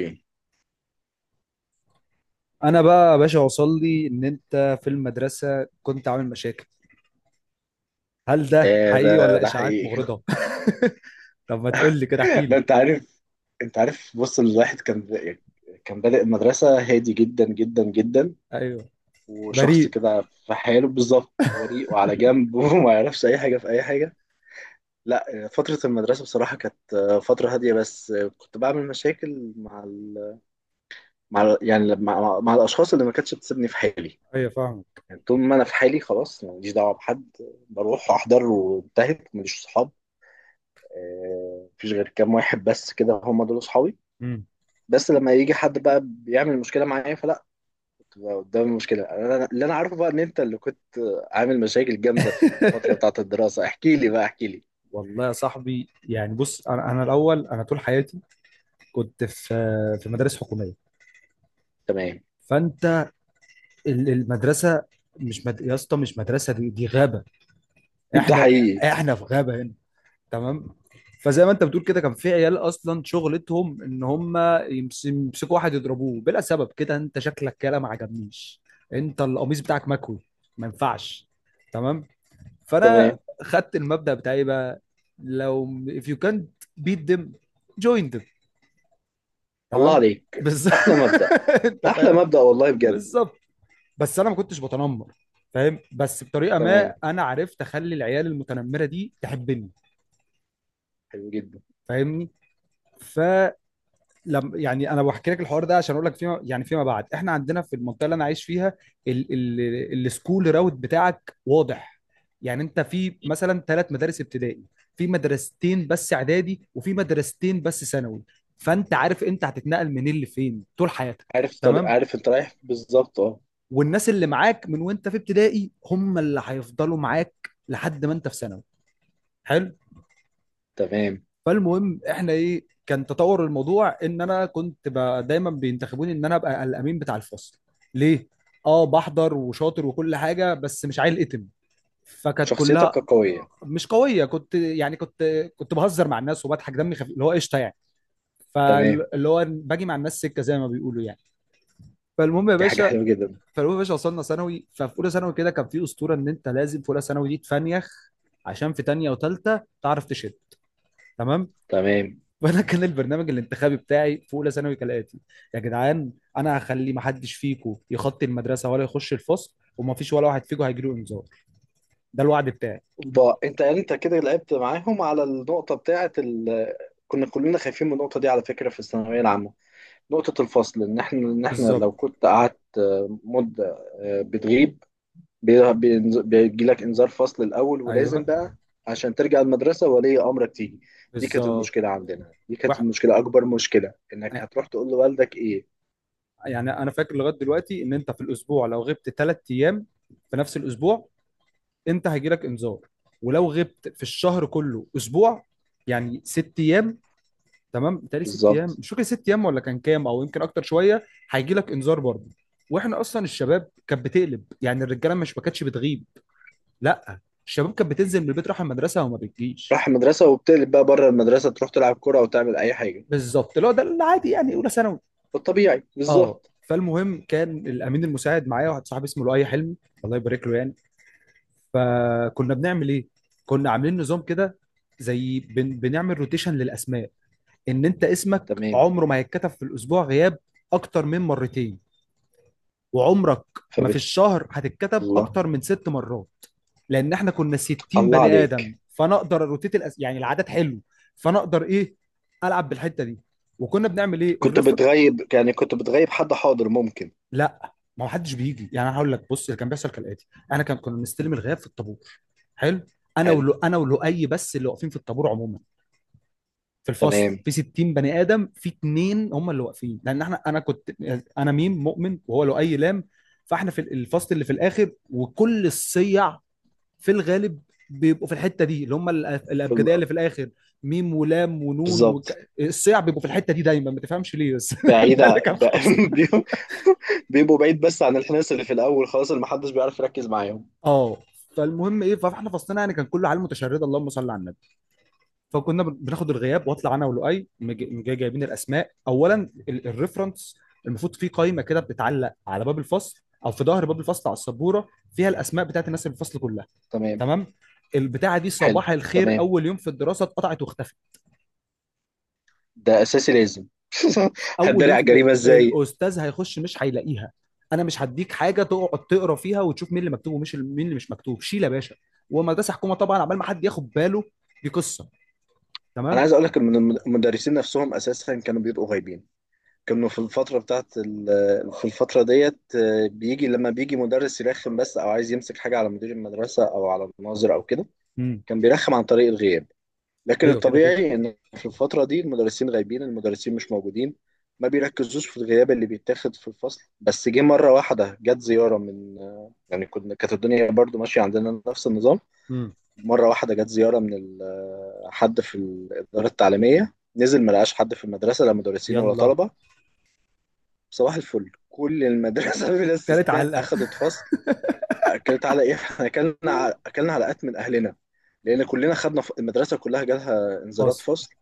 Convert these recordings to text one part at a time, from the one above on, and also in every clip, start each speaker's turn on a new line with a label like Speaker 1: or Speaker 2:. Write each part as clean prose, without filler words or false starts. Speaker 1: اوكي.
Speaker 2: انا بقى يا باشا، وصل لي ان انت في المدرسه كنت عامل مشاكل. هل ده
Speaker 1: آه،
Speaker 2: حقيقي
Speaker 1: ده
Speaker 2: ولا
Speaker 1: ده
Speaker 2: اشاعات
Speaker 1: حقيقي
Speaker 2: مغرضه؟ طب ما تقول لي كده، احكي
Speaker 1: لا،
Speaker 2: لي.
Speaker 1: انت عارف. بص، الواحد كان يعني كان بادئ المدرسة هادي جدا جدا جدا،
Speaker 2: ايوه.
Speaker 1: وشخص
Speaker 2: بريء.
Speaker 1: كده في حاله بالظبط بريء وعلى جنب وما يعرفش اي حاجة في اي حاجة. لا، فترة المدرسة بصراحة كانت فترة هادية، بس كنت بعمل مشاكل مع الاشخاص اللي ما كانتش بتسيبني في حالي.
Speaker 2: ايوه فاهمك.
Speaker 1: يعني طول ما انا في حالي خلاص ماليش دعوة بحد. بروح احضر وانتهت، ماليش صحاب. مفيش غير كام واحد بس كده، هم دول اصحابي.
Speaker 2: امم.
Speaker 1: بس لما يجي حد بقى بيعمل مشكله معايا فلا. كنت بقى قدام المشكله انا اللي انا عارفه بقى ان انت اللي كنت عامل مشاكل جامده في الفتره بتاعه الدراسه، احكي لي بقى، احكي لي.
Speaker 2: والله يا صاحبي، يعني بص، انا الاول انا طول حياتي كنت في مدارس حكوميه.
Speaker 1: تمام.
Speaker 2: فانت المدرسه، مش مد... يا اسطى، مش مدرسه، دي غابه.
Speaker 1: ده
Speaker 2: احنا
Speaker 1: حقيقي.
Speaker 2: احنا في غابه هنا، تمام؟ فزي ما انت بتقول كده، كان في عيال اصلا شغلتهم ان هم يمسكوا واحد يضربوه بلا سبب، كده انت شكلك كده ما عجبنيش، انت القميص بتاعك مكوي، ما ينفعش، تمام. فانا
Speaker 1: تمام.
Speaker 2: خدت المبدأ بتاعي بقى: لو if you can't beat them join them،
Speaker 1: الله
Speaker 2: تمام؟
Speaker 1: عليك،
Speaker 2: بس
Speaker 1: احلى مبدأ.
Speaker 2: انت
Speaker 1: احلى
Speaker 2: فاهم.
Speaker 1: مبدأ والله بجد.
Speaker 2: بالظبط. بس انا ما كنتش بتنمر، فاهم؟ بس بطريقه
Speaker 1: تمام،
Speaker 2: ما، انا عرفت اخلي العيال المتنمره دي تحبني،
Speaker 1: حلو جدا.
Speaker 2: فاهمني؟ ف لما، يعني انا بحكي لك الحوار ده عشان اقول لك، فيما يعني فيما بعد، احنا عندنا في المنطقه اللي انا عايش فيها ال ال السكول راوت بتاعك واضح. يعني انت في مثلا ثلاث مدارس ابتدائي، في مدرستين بس اعدادي، وفي مدرستين بس ثانوي. فانت عارف انت هتتنقل منين لفين طول حياتك،
Speaker 1: عارف طريق،
Speaker 2: تمام؟
Speaker 1: عارف انت رايح بالظبط، اه.
Speaker 2: والناس اللي معاك من وانت في ابتدائي، هم اللي هيفضلوا معاك لحد ما انت في ثانوي. حلو.
Speaker 1: تمام،
Speaker 2: فالمهم، احنا ايه كان تطور الموضوع، ان انا دايما بينتخبوني ان انا ابقى الامين بتاع الفصل. ليه؟ اه بحضر وشاطر وكل حاجه، بس مش عيل اتم. فكانت كلها،
Speaker 1: شخصيتك قويه.
Speaker 2: مش قويه، كنت كنت بهزر مع الناس وبضحك، دمي خفيف، اللي هو قشطه يعني.
Speaker 1: تمام،
Speaker 2: فاللي هو باجي مع الناس سكه، زي ما بيقولوا يعني. فالمهم يا
Speaker 1: دي حاجه
Speaker 2: باشا،
Speaker 1: حلوه جدا.
Speaker 2: فالمهم يا باشا، وصلنا ثانوي. ففي اولى ثانوي كده كان في اسطوره ان انت لازم في اولى ثانوي دي تفنيخ، عشان في تانية وتالتة تعرف تشد، تمام.
Speaker 1: تمام.
Speaker 2: فانا كان البرنامج الانتخابي بتاعي في اولى ثانوي كالاتي: يا جدعان، انا هخلي ما حدش فيكم يخطي المدرسه ولا يخش الفصل، وما فيش ولا واحد فيكم هيجي له انذار. ده الوعد بتاعي.
Speaker 1: بقى انت يعني انت كده لعبت معاهم على النقطه بتاعه كنا كلنا خايفين من النقطه دي على فكره في الثانويه العامه. نقطة الفصل، إن إحنا
Speaker 2: بالظبط.
Speaker 1: لو كنت قعدت مدة بتغيب، بيجيلك إنذار فصل الأول، ولازم
Speaker 2: ايوه.
Speaker 1: بقى عشان ترجع المدرسة ولي أمرك تيجي. دي كانت
Speaker 2: بالظبط.
Speaker 1: المشكلة عندنا، دي كانت
Speaker 2: وح...
Speaker 1: المشكلة، أكبر مشكلة إنك هتروح تقول لوالدك إيه.
Speaker 2: يعني انا فاكر لغايه دلوقتي ان انت في الاسبوع لو غبت 3 ايام في نفس الاسبوع، انت هيجي لك انذار. ولو غبت في الشهر كله اسبوع، يعني 6 ايام، تمام، بتهيألي 6 ايام،
Speaker 1: بالظبط.
Speaker 2: مش فاكر 6 ايام ولا كان كام، او يمكن اكتر شويه، هيجي لك انذار برضه. واحنا اصلا الشباب كانت بتقلب، يعني الرجاله، مش ما كانتش بتغيب، لا، الشباب كانت بتنزل من البيت رايحه المدرسه وما بتجيش.
Speaker 1: راح المدرسة وبتقلب بقى بره المدرسة، تروح تلعب كرة أو تعمل أي حاجة.
Speaker 2: بالظبط، اللي هو ده العادي يعني اولى ثانوي.
Speaker 1: الطبيعي
Speaker 2: اه.
Speaker 1: بالظبط.
Speaker 2: فالمهم، كان الامين المساعد معايا واحد صاحبي اسمه لؤي حلمي، الله يبارك له يعني. فكنا بنعمل ايه؟ كنا عاملين نظام كده، بنعمل روتيشن للاسماء، ان انت اسمك
Speaker 1: تمام.
Speaker 2: عمره ما هيتكتب في الاسبوع غياب اكتر من مرتين، وعمرك ما في
Speaker 1: فبت...
Speaker 2: الشهر هتتكتب
Speaker 1: الله،
Speaker 2: اكتر من 6 مرات. لان احنا كنا 60
Speaker 1: الله
Speaker 2: بني ادم،
Speaker 1: عليك.
Speaker 2: فانا اقدر روتيت يعني العدد حلو. فانا اقدر ايه، العب بالحته دي. وكنا بنعمل ايه
Speaker 1: كنت
Speaker 2: الرفر.
Speaker 1: بتغيب، يعني كنت بتغيب، حد حاضر ممكن؟
Speaker 2: لا، ما حدش بيجي. يعني انا هقول لك، بص اللي كان بيحصل كالاتي: انا كنا بنستلم الغياب في الطابور. حلو. انا
Speaker 1: حلو.
Speaker 2: ولو، انا ولؤي بس اللي واقفين في الطابور عموما، في الفصل
Speaker 1: تمام.
Speaker 2: في 60 بني ادم، في اتنين هم اللي واقفين، لان احنا انا كنت، انا ميم مؤمن وهو لؤي لام، فاحنا في الفصل اللي في الاخر. وكل الصيع في الغالب بيبقوا في الحته دي، اللي هم
Speaker 1: في
Speaker 2: الابجديه اللي في الاخر: ميم ولام ونون
Speaker 1: بالظبط.
Speaker 2: الصيع بيبقوا في الحته دي دايما، ما تفهمش ليه بس
Speaker 1: بعيد
Speaker 2: ده اللي
Speaker 1: ع-
Speaker 2: كان
Speaker 1: ب...
Speaker 2: حاصل.
Speaker 1: بي- بيبقوا بعيد بس عن الحناس اللي في الاول، خلاص اللي محدش بيعرف يركز معاهم.
Speaker 2: اه. فالمهم ايه، فاحنا فصلنا يعني كان كله عيال متشرده، اللهم صل على النبي. فكنا بناخد الغياب، واطلع انا ولؤي جايبين الاسماء. اولا الريفرنس، المفروض في قائمه كده بتتعلق على باب الفصل او في ظهر باب الفصل على السبوره، فيها الاسماء بتاعت الناس اللي في الفصل كلها،
Speaker 1: تمام.
Speaker 2: تمام. البتاعه دي
Speaker 1: حلو.
Speaker 2: صباح الخير
Speaker 1: تمام،
Speaker 2: اول يوم في الدراسه اتقطعت واختفت.
Speaker 1: ده اساسي لازم.
Speaker 2: اول
Speaker 1: هتداري
Speaker 2: يوم
Speaker 1: على
Speaker 2: في...
Speaker 1: الجريمه ازاي؟
Speaker 2: الاستاذ هيخش مش هيلاقيها، انا مش هديك حاجه تقعد تقرا فيها وتشوف مين اللي مكتوب ومش مين اللي مش مكتوب، شيل يا باشا. ومدرسه حكومه طبعا، عبال ما حد ياخد باله دي قصه،
Speaker 1: انا
Speaker 2: تمام.
Speaker 1: عايز اقول لك ان المدرسين نفسهم اساسا كانوا بيبقوا غايبين. كانوا في الفتره بتاعت في الفتره ديت بيجي، لما بيجي مدرس يرخم بس او عايز يمسك حاجه على مدير المدرسه او على الناظر او كده،
Speaker 2: امم.
Speaker 1: كان بيرخم عن طريق الغياب. لكن
Speaker 2: ايوه كده كده.
Speaker 1: الطبيعي ان في الفتره دي المدرسين غايبين، المدرسين مش موجودين، ما بيركزوش في الغياب اللي بيتاخد في الفصل. بس جه مره واحده جت زياره من، يعني كنا، كانت الدنيا برضو ماشيه عندنا نفس النظام.
Speaker 2: امم.
Speaker 1: مره واحده جت زياره من حد في الاداره التعليميه، نزل ما لقاش حد في المدرسه، لا مدرسين ولا
Speaker 2: يلا.
Speaker 1: طلبه. صباح الفل كل المدرسه بلا
Speaker 2: كانت
Speaker 1: استثناء
Speaker 2: علقه.
Speaker 1: اخذت فصل. اكلت على ايه؟ احنا اكلنا اكلنا علقات من اهلنا، لان كلنا خدنا المدرسه كلها جالها انذارات
Speaker 2: فاصل.
Speaker 1: فصل،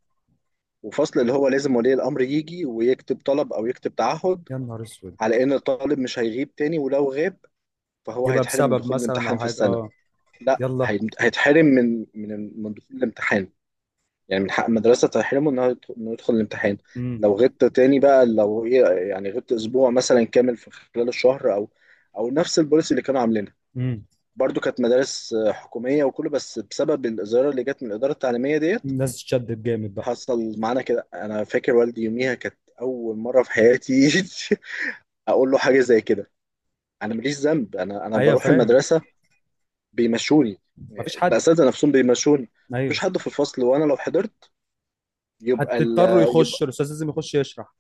Speaker 1: وفصل اللي هو لازم ولي الأمر يجي ويكتب طلب أو يكتب تعهد
Speaker 2: يا نهار اسود.
Speaker 1: على إن الطالب مش هيغيب تاني، ولو غاب فهو
Speaker 2: يبقى
Speaker 1: هيتحرم من
Speaker 2: بسبب
Speaker 1: دخول
Speaker 2: مثلا
Speaker 1: الامتحان
Speaker 2: او
Speaker 1: في
Speaker 2: حاجه،
Speaker 1: السنة.
Speaker 2: اه.
Speaker 1: لا،
Speaker 2: يلا.
Speaker 1: هيتحرم من دخول الامتحان. يعني من حق المدرسة تحرمه إنه يدخل الامتحان.
Speaker 2: امم.
Speaker 1: لو غبت تاني بقى، لو إيه، يعني غبت أسبوع مثلا كامل في خلال الشهر، أو نفس البوليسي اللي كانوا عاملينها.
Speaker 2: امم.
Speaker 1: برضو كانت مدارس حكومية وكله، بس بسبب الإزالة اللي جت من الإدارة التعليمية ديت
Speaker 2: الناس تشدد جامد بقى.
Speaker 1: حصل معانا كده. انا فاكر والدي يوميها، كانت اول مره في حياتي اقول له حاجه زي كده. انا ماليش ذنب، انا
Speaker 2: ايوه
Speaker 1: بروح
Speaker 2: فاهم.
Speaker 1: المدرسه بيمشوني،
Speaker 2: مفيش حد.
Speaker 1: الاساتذه نفسهم بيمشوني. مفيش
Speaker 2: ايوه.
Speaker 1: حد في الفصل، وانا لو حضرت يبقى ال...
Speaker 2: هتضطروا يخش
Speaker 1: يبقى،
Speaker 2: الاستاذ لازم يخش يشرح.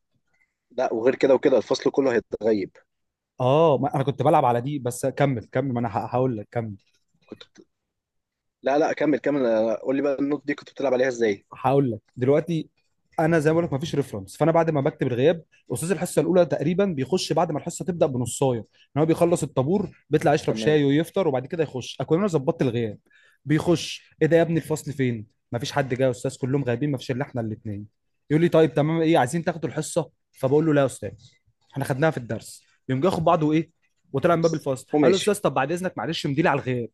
Speaker 1: لا، وغير كده وكده الفصل كله هيتغيب.
Speaker 2: اه، ما انا كنت بلعب على دي، بس كمل كمل، ما انا هقول لك، كمل.
Speaker 1: كنت بت... لا، لا، كمل، كمل، قول لي بقى، النوت دي كنت بتلعب عليها ازاي؟
Speaker 2: هقول لك دلوقتي. انا زي ما بقول لك مفيش ريفرنس، فانا بعد ما بكتب الغياب، استاذ الحصه الاولى تقريبا بيخش بعد ما الحصه تبدا بنصايه، ان هو بيخلص الطابور بيطلع يشرب
Speaker 1: تمام.
Speaker 2: شاي ويفطر وبعد كده يخش، اكون انا ظبطت الغياب. بيخش: ايه ده يا ابني الفصل فين؟ مفيش حد جاي يا استاذ، كلهم غايبين، مفيش الا احنا الاثنين. يقول لي طيب تمام، ايه عايزين تاخدوا الحصه؟ فبقول له لا يا استاذ، احنا خدناها في الدرس. يقوم جاي ياخد بعضه ايه، وطلع من باب
Speaker 1: بس
Speaker 2: الفصل، قال له: استاذ
Speaker 1: وماشي.
Speaker 2: طب بعد اذنك معلش مديلي على الغياب.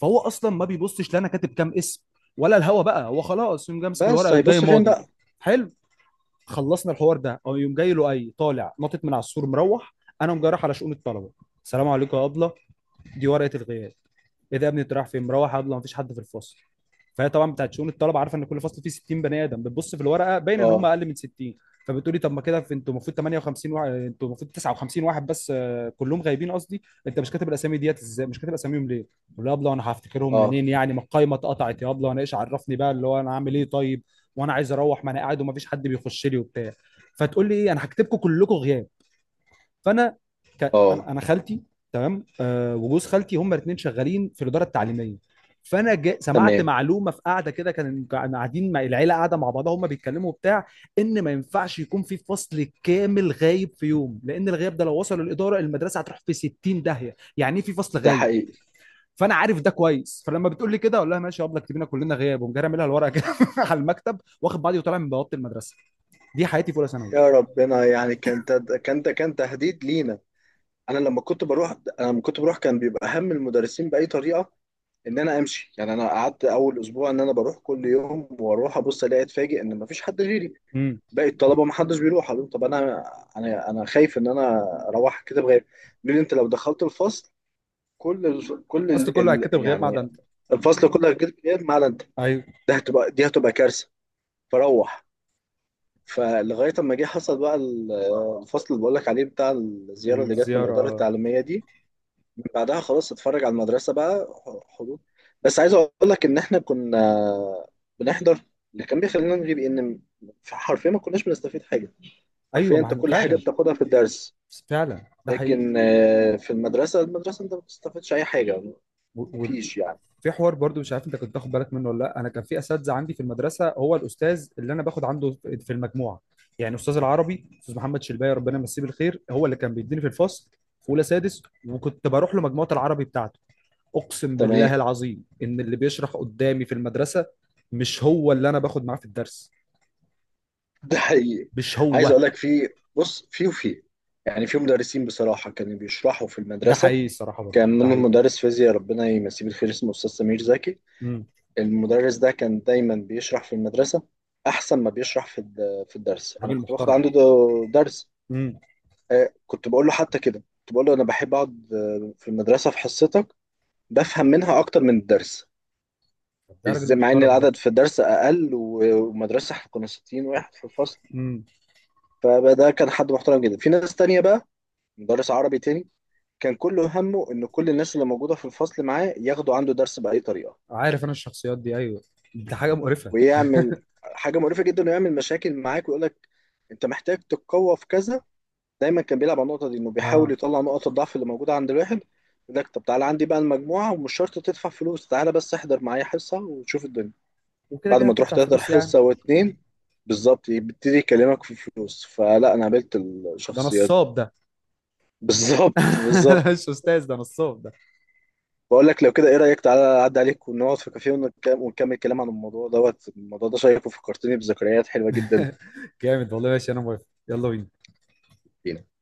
Speaker 2: فهو اصلا ما بيبصش لا انا كاتب كام اسم ولا الهوا بقى، هو خلاص يقوم جاي ماسك الورقه
Speaker 1: بس
Speaker 2: يقوم جاي
Speaker 1: هيبص فين
Speaker 2: ماضي.
Speaker 1: بقى؟
Speaker 2: حلو. خلصنا الحوار ده، او يقوم جاي له اي طالع، نطت من على السور مروح. انا قوم جاي رايح على شؤون الطلبه. السلام عليكم يا ابله، دي ورقه الغياب. ايه ده يا ابني انت رايح فين؟ مروح يلا، مفيش حد في الفصل. فهي طبعا بتاعت شؤون الطلبه عارفه ان كل فصل فيه 60 بني ادم، بتبص في الورقه، باين ان هم
Speaker 1: اه،
Speaker 2: اقل من 60. فبتقولي طب، ما كده انتوا المفروض 58 واحد، انتوا المفروض 59 واحد بس آه، كلهم غايبين قصدي. انت مش كاتب الاسامي ديت ازاي؟ مش كاتب اساميهم ليه؟ يقول لها يابلا وانا هفتكرهم
Speaker 1: اه،
Speaker 2: منين يعني، ما القايمه اتقطعت يا يابلا، وانا ايش عرفني بقى اللي هو انا عامل ايه طيب، وانا عايز اروح، ما انا قاعد ومفيش حد بيخش لي وبتاع. فتقول لي ايه، انا هكتبكم كلكم غياب. فانا ك... انا،
Speaker 1: اه.
Speaker 2: خالتي تمام آه وجوز خالتي هم الاثنين شغالين في الاداره التعليميه. فانا سمعت
Speaker 1: تمام،
Speaker 2: معلومه في قاعده كده، كان كان قاعدين مع العيله قاعده مع بعضها هم بيتكلموا بتاع، ان ما ينفعش يكون في فصل كامل غايب في يوم، لان الغياب ده لو وصل للاداره المدرسه هتروح في 60 داهيه، يعني ايه في فصل
Speaker 1: ده
Speaker 2: غايب.
Speaker 1: حقيقي.
Speaker 2: فانا عارف ده كويس، فلما بتقول لي كده اقول لها ماشي يا ابله اكتبينا كلنا غياب، ومجرى اعملها الورقه كده على المكتب، واخد بعضي وطالع من بوابه المدرسه. دي حياتي في اولى ثانوي.
Speaker 1: يا ربنا. يعني كان كان تهديد لينا. انا لما كنت بروح كان بيبقى هم المدرسين باي طريقه ان انا امشي. يعني انا قعدت اول اسبوع ان انا بروح كل يوم، واروح ابص الاقي اتفاجئ ان مفيش حد غيري.
Speaker 2: امم.
Speaker 1: باقي الطلبه ما حدش بيروح. أقول لهم طب انا انا خايف ان انا اروح كده بغير. يقولوا لي انت لو دخلت الفصل
Speaker 2: الفصل كله هيتكتب غياب ما عدا
Speaker 1: يعني
Speaker 2: انت.
Speaker 1: الفصل كله هيتكتب غياب ما عدا انت.
Speaker 2: ايوه.
Speaker 1: ده هتبقى دي هتبقى كارثه. فروح. فلغايه اما جه، حصل بقى الفصل اللي بقول لك عليه بتاع الزياره اللي جت من
Speaker 2: الزيارة
Speaker 1: الاداره
Speaker 2: آه.
Speaker 1: التعليميه دي، من بعدها خلاص اتفرج على المدرسه بقى. حضور. بس عايز اقول لك ان احنا كنا بنحضر. اللي كان بيخلينا نغيب ان حرفيا ما كناش بنستفيد حاجه.
Speaker 2: ايوه
Speaker 1: حرفيا
Speaker 2: ما
Speaker 1: انت
Speaker 2: احنا
Speaker 1: كل حاجه
Speaker 2: فعلا،
Speaker 1: بتاخدها في الدرس،
Speaker 2: فعلا ده حقيقي.
Speaker 1: لكن في المدرسه، انت ما بتستفيدش اي حاجه. مفيش يعني.
Speaker 2: وفي حوار برضو مش عارف انت كنت تاخد بالك منه ولا لا، انا كان في اساتذه عندي في المدرسه، هو الاستاذ اللي انا باخد عنده في في المجموعه. يعني استاذ العربي، استاذ محمد شلباي، ربنا يمسيه بالخير، هو اللي كان بيديني في الفصل في اولى سادس، وكنت بروح له مجموعه العربي بتاعته. اقسم
Speaker 1: تمام.
Speaker 2: بالله العظيم ان اللي بيشرح قدامي في المدرسه مش هو اللي انا باخد معاه في الدرس،
Speaker 1: ده حقيقي.
Speaker 2: مش
Speaker 1: عايز
Speaker 2: هو.
Speaker 1: اقول لك، في بص، في وفي يعني في مدرسين بصراحه كانوا بيشرحوا في
Speaker 2: ده
Speaker 1: المدرسه.
Speaker 2: حقيقي الصراحه، برضه
Speaker 1: كان
Speaker 2: ده
Speaker 1: منهم
Speaker 2: حقيقي.
Speaker 1: مدرس فيزياء ربنا يمسيه بالخير اسمه أستاذ سمير زكي.
Speaker 2: امم.
Speaker 1: المدرس ده كان دايما بيشرح في المدرسة أحسن ما بيشرح في في الدرس. أنا
Speaker 2: راجل
Speaker 1: كنت باخد
Speaker 2: محترم.
Speaker 1: عنده درس.
Speaker 2: امم.
Speaker 1: كنت بقول له حتى كده، كنت بقول له أنا بحب أقعد في المدرسة في حصتك، بفهم منها أكتر من الدرس.
Speaker 2: ده راجل
Speaker 1: إزاي مع إن
Speaker 2: محترم،
Speaker 1: العدد في الدرس أقل ومدرسة إحنا كنا 60 واحد في الفصل.
Speaker 2: ده.
Speaker 1: فده كان حد محترم جدا. في ناس تانية بقى، مدرس عربي تاني، كان كل همه إن كل الناس اللي موجودة في الفصل معاه ياخدوا عنده درس بأي طريقة،
Speaker 2: عارف انا الشخصيات دي، ايوه. دي حاجه مقرفه.
Speaker 1: ويعمل حاجه مقرفه جدا، ويعمل مشاكل معاك ويقول لك انت محتاج تتقوى في كذا. دايما كان بيلعب على النقطه دي، انه بيحاول
Speaker 2: اه.
Speaker 1: يطلع نقط الضعف اللي موجوده عند الواحد. يقول لك طب تعالى عندي بقى المجموعه، ومش شرط تدفع فلوس، تعالى بس احضر معايا حصه وتشوف الدنيا.
Speaker 2: وكده
Speaker 1: بعد
Speaker 2: كده
Speaker 1: ما تروح
Speaker 2: هتدفع
Speaker 1: تحضر
Speaker 2: فلوس يعني.
Speaker 1: حصه واتنين بالظبط يبتدي يكلمك في فلوس. فلا، انا قابلت
Speaker 2: ده
Speaker 1: الشخصيات دي
Speaker 2: نصاب ده.
Speaker 1: بالظبط، بالظبط.
Speaker 2: مش استاذ، ده نصاب ده.
Speaker 1: بقول لك، لو كده ايه رايك تعالى اعدي عليك ونقعد في كافيه ونكمل كلام عن الموضوع دوت الموضوع ده شيق وفكرتني بذكريات حلوه جدا.
Speaker 2: جامد والله، ماشي انا موافق، يلا بينا.
Speaker 1: لينا.